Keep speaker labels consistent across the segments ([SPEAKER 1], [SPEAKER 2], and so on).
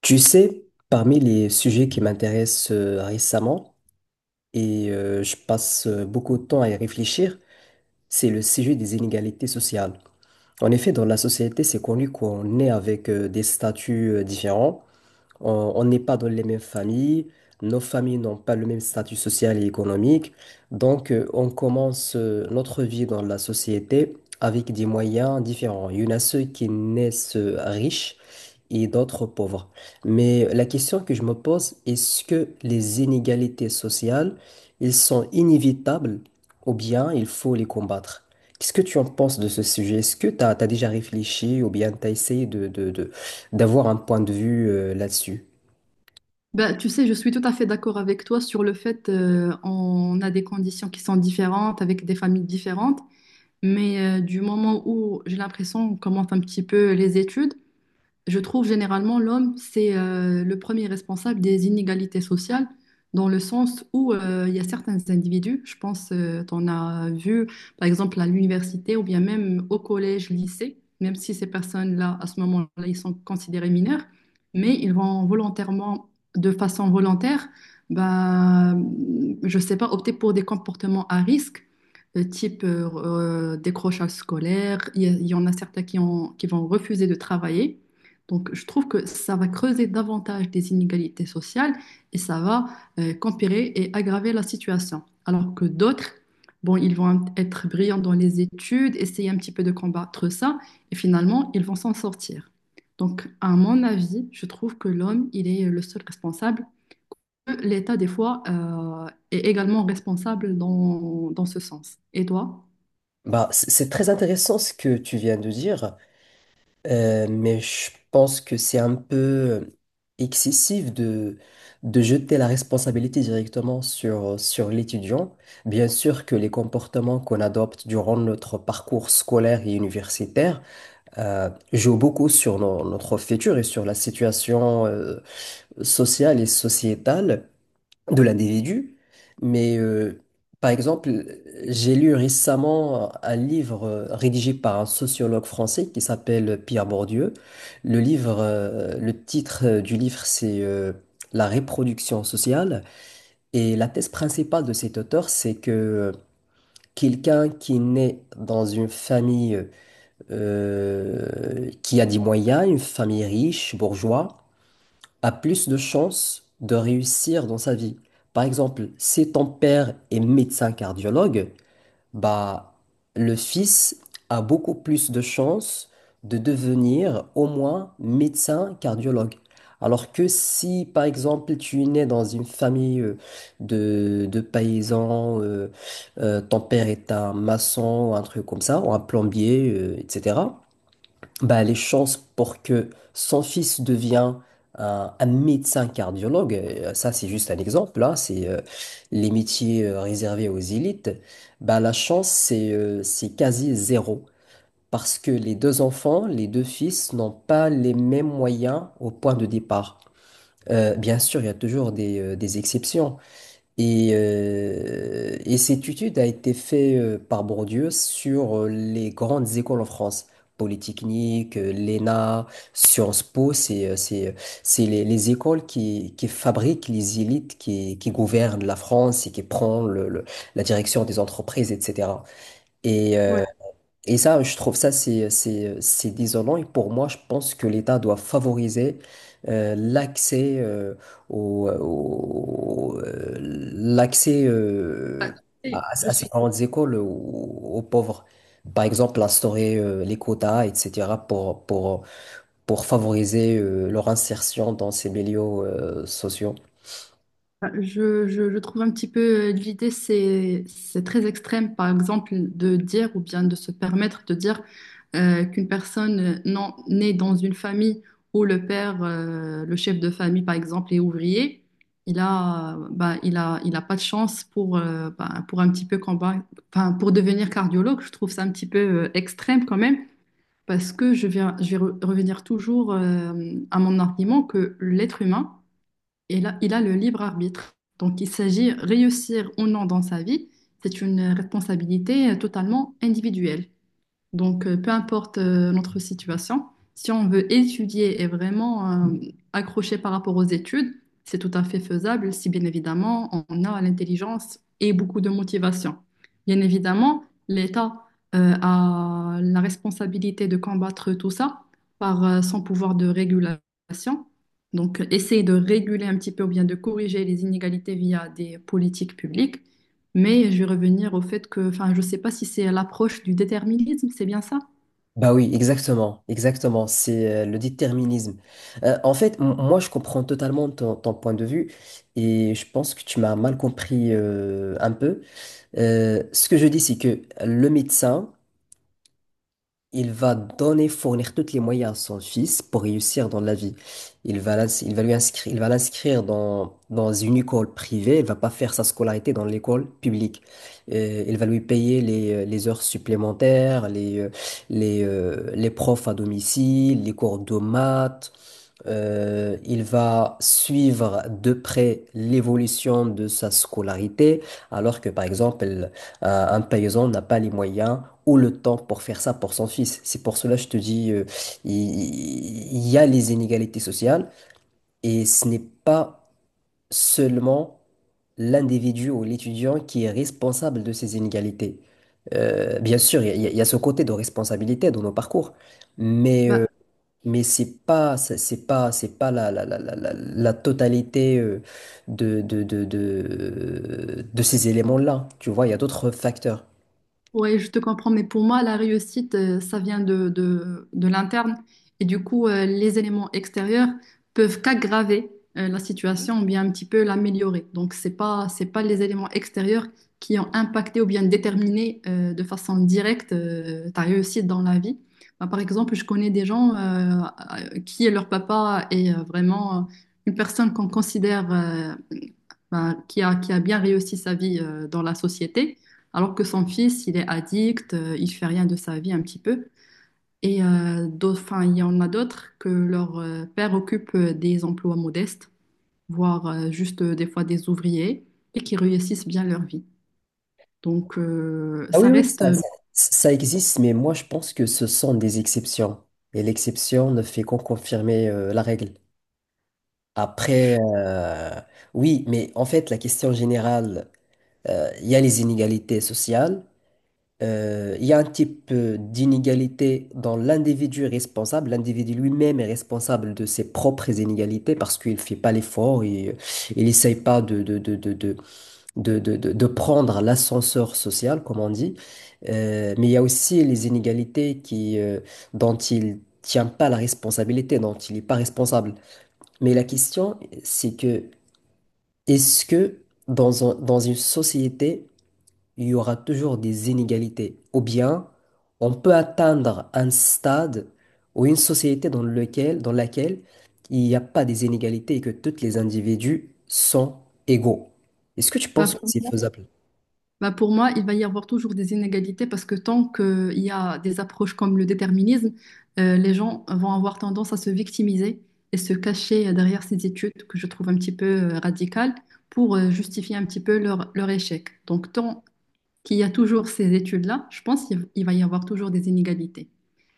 [SPEAKER 1] Tu sais, parmi les sujets qui m'intéressent récemment, et je passe beaucoup de temps à y réfléchir, c'est le sujet des inégalités sociales. En effet, dans la société, c'est connu qu'on est avec des statuts différents. On n'est pas dans les mêmes familles, nos familles n'ont pas le même statut social et économique, donc on commence notre vie dans la société avec des moyens différents. Il y en a ceux qui naissent riches et d'autres pauvres. Mais la question que je me pose, est-ce que les inégalités sociales, elles sont inévitables ou bien il faut les combattre? Qu'est-ce que tu en penses de ce sujet? Est-ce que tu as, déjà réfléchi ou bien tu as essayé d'avoir un point de vue là-dessus?
[SPEAKER 2] Ben, tu sais, je suis tout à fait d'accord avec toi sur le fait on a des conditions qui sont différentes avec des familles différentes, mais du moment où j'ai l'impression on commence un petit peu les études, je trouve généralement l'homme, c'est le premier responsable des inégalités sociales, dans le sens où il y a certains individus, je pense, tu en as vu par exemple à l'université ou bien même au collège, lycée, même si ces personnes-là, à ce moment-là, ils sont considérés mineurs, mais ils vont volontairement, de façon volontaire, bah, je sais pas, opter pour des comportements à risque type décrochage scolaire. Il y en a certains qui vont refuser de travailler donc, je trouve que ça va creuser davantage des inégalités sociales et ça va qu'empirer et aggraver la situation. Alors que d'autres, bon, ils vont être brillants dans les études, essayer un petit peu de combattre ça et finalement, ils vont s'en sortir. Donc, à mon avis, je trouve que l'homme, il est le seul responsable. L'État, des fois, est également responsable dans ce sens. Et toi?
[SPEAKER 1] Bah, c'est très intéressant ce que tu viens de dire, mais je pense que c'est un peu excessif de jeter la responsabilité directement sur l'étudiant. Bien sûr que les comportements qu'on adopte durant notre parcours scolaire et universitaire jouent beaucoup sur notre futur et sur la situation sociale et sociétale de l'individu. Mais par exemple, j'ai lu récemment un livre rédigé par un sociologue français qui s'appelle Pierre Bourdieu. Le livre, le titre du livre, c'est La reproduction sociale. Et la thèse principale de cet auteur, c'est que quelqu'un qui naît dans une famille qui a des moyens, une famille riche, bourgeois, a plus de chances de réussir dans sa vie. Par exemple, si ton père est médecin cardiologue, bah, le fils a beaucoup plus de chances de devenir au moins médecin cardiologue. Alors que si, par exemple, tu es né dans une famille de paysans, ton père est un maçon ou un truc comme ça, ou un plombier, etc. Bah, les chances pour que son fils devienne un médecin cardiologue, ça c'est juste un exemple, là, c'est les métiers réservés aux élites, bah, la chance c'est quasi zéro. Parce que les deux enfants, les deux fils n'ont pas les mêmes moyens au point de départ. Bien sûr, il y a toujours des exceptions, et cette étude a été faite par Bourdieu sur les grandes écoles en France. Polytechnique, l'ENA, Sciences Po, c'est les écoles qui qui fabriquent les élites qui qui, gouvernent la France et qui prennent la direction des entreprises, etc. Et, euh, et ça, je trouve ça, c'est désolant. Et pour moi, je pense que l'État doit favoriser l'accès l'accès
[SPEAKER 2] Et je
[SPEAKER 1] à ces
[SPEAKER 2] suis.
[SPEAKER 1] grandes écoles aux pauvres. Par exemple, instaurer les quotas, etc., pour favoriser leur insertion dans ces milieux sociaux.
[SPEAKER 2] Enfin, je trouve un petit peu l'idée, c'est très extrême, par exemple, de dire ou bien de se permettre de dire qu'une personne non, née dans une famille où le père, le chef de famille, par exemple, est ouvrier, il a pas de chance pour, bah, pour un petit peu combat, enfin, pour devenir cardiologue. Je trouve ça un petit peu extrême quand même, parce que revenir toujours à mon argument que l'être humain, et là, il a le libre arbitre. Donc, il s'agit réussir ou non dans sa vie, c'est une responsabilité totalement individuelle. Donc, peu importe notre situation, si on veut étudier et vraiment accrocher par rapport aux études, c'est tout à fait faisable si bien évidemment on a l'intelligence et beaucoup de motivation. Bien évidemment, l'État a la responsabilité de combattre tout ça par son pouvoir de régulation. Donc, essayer de réguler un petit peu ou bien de corriger les inégalités via des politiques publiques. Mais je vais revenir au fait que, enfin, je ne sais pas si c'est l'approche du déterminisme, c'est bien ça?
[SPEAKER 1] Bah oui, exactement, exactement, c'est le déterminisme. En fait, moi, je comprends totalement ton point de vue et je pense que tu m'as mal compris un peu. Ce que je dis, c'est que le médecin, il va donner, fournir tous les moyens à son fils pour réussir dans la vie. Il va lui inscrire, il va l'inscrire dans une école privée. Il va pas faire sa scolarité dans l'école publique. Il va lui payer les heures supplémentaires, les profs à domicile, les cours de maths, il va suivre de près l'évolution de sa scolarité, alors que par exemple, un paysan n'a pas les moyens ou le temps pour faire ça pour son fils. C'est pour cela que je te dis, il y a les inégalités sociales et ce n'est pas seulement l'individu ou l'étudiant qui est responsable de ces inégalités. Bien sûr, il y a ce côté de responsabilité dans nos parcours, mais
[SPEAKER 2] Bah,
[SPEAKER 1] euh, mais c'est pas, c'est pas la totalité de ces éléments-là. Tu vois, il y a d'autres facteurs.
[SPEAKER 2] oui, je te comprends, mais pour moi, la réussite, ça vient de l'interne. Et du coup, les éléments extérieurs peuvent qu'aggraver la situation ou bien un petit peu l'améliorer. Donc, c'est pas les éléments extérieurs qui ont impacté ou bien déterminé de façon directe ta réussite dans la vie. Bah, par exemple, je connais des gens qui, leur papa est vraiment une personne qu'on considère ben, qui a bien réussi sa vie dans la société, alors que son fils, il est addict, il fait rien de sa vie un petit peu. Et d'autres, enfin, il y en a d'autres que leur père occupe des emplois modestes, voire juste des fois des ouvriers, et qui réussissent bien leur vie. Donc
[SPEAKER 1] Ah oui, oui, ça existe, mais moi je pense que ce sont des exceptions. Et l'exception ne fait qu'en confirmer la règle. Après, oui, mais en fait, la question générale, il y a les inégalités sociales. Il y a un type d'inégalité dans l'individu responsable. L'individu lui-même est responsable de ses propres inégalités parce qu'il ne fait pas l'effort, il n'essaye pas de prendre l'ascenseur social, comme on dit. Mais il y a aussi les inégalités dont il tient pas la responsabilité, dont il n'est pas responsable. Mais la question, c'est que est-ce que dans une société, il y aura toujours des inégalités. Ou bien, on peut atteindre un stade ou une société dans laquelle il n'y a pas des inégalités et que tous les individus sont égaux. Est-ce que tu
[SPEAKER 2] ben,
[SPEAKER 1] penses que c'est faisable?
[SPEAKER 2] Bah, pour moi, il va y avoir toujours des inégalités parce que tant qu'il y a des approches comme le déterminisme, les gens vont avoir tendance à se victimiser et se cacher derrière ces études que je trouve un petit peu radicales pour justifier un petit peu leur échec. Donc, tant qu'il y a toujours ces études-là, je pense qu'il il va y avoir toujours des inégalités.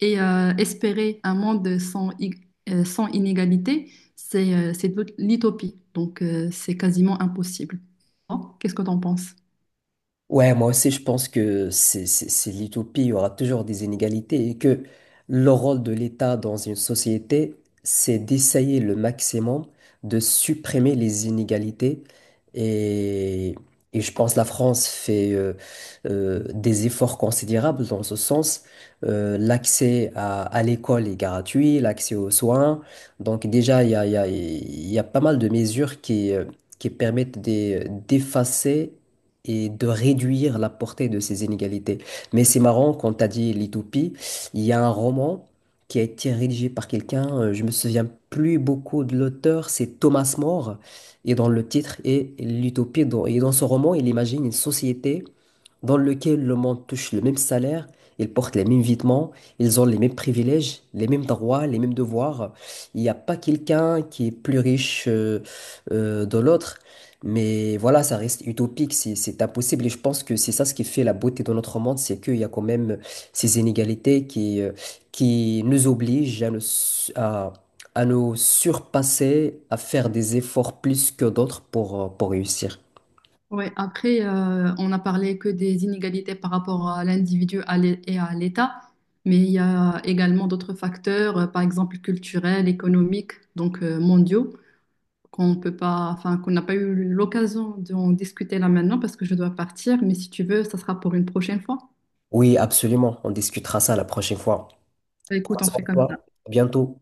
[SPEAKER 2] Et espérer un monde sans inégalités, c'est de l'utopie. Donc, c'est quasiment impossible. Bon, qu'est-ce que tu en penses?
[SPEAKER 1] Ouais, moi aussi, je pense que c'est l'utopie. Il y aura toujours des inégalités et que le rôle de l'État dans une société, c'est d'essayer le maximum de supprimer les inégalités. Et, et je pense que la France fait des efforts considérables dans ce sens. L'accès à l'école est gratuit, l'accès aux soins. Donc déjà, il y a pas mal de mesures qui permettent d'effacer et de réduire la portée de ces inégalités. Mais c'est marrant, quand tu as dit l'utopie, il y a un roman qui a été rédigé par quelqu'un, je me souviens plus beaucoup de l'auteur, c'est Thomas More, et dans le titre est l'utopie. Et dans ce roman, il imagine une société dans laquelle le monde touche le même salaire. Ils portent les mêmes vêtements, ils ont les mêmes privilèges, les mêmes droits, les mêmes devoirs. Il n'y a pas quelqu'un qui est plus riche de l'autre. Mais voilà, ça reste utopique, c'est impossible. Et je pense que c'est ça ce qui fait la beauté de notre monde, c'est qu'il y a quand même ces inégalités qui nous obligent à à nous surpasser, à faire des efforts plus que d'autres pour réussir.
[SPEAKER 2] Ouais, après, on a parlé que des inégalités par rapport à et à l'État, mais il y a également d'autres facteurs, par exemple culturels, économiques, donc mondiaux, qu'on peut pas, enfin, qu'on n'a pas eu l'occasion d'en discuter là maintenant parce que je dois partir, mais si tu veux, ça sera pour une prochaine fois.
[SPEAKER 1] Oui, absolument. On discutera ça la prochaine fois.
[SPEAKER 2] Bah,
[SPEAKER 1] Prends
[SPEAKER 2] écoute, on
[SPEAKER 1] soin
[SPEAKER 2] fait
[SPEAKER 1] de
[SPEAKER 2] comme ça.
[SPEAKER 1] toi. À bientôt.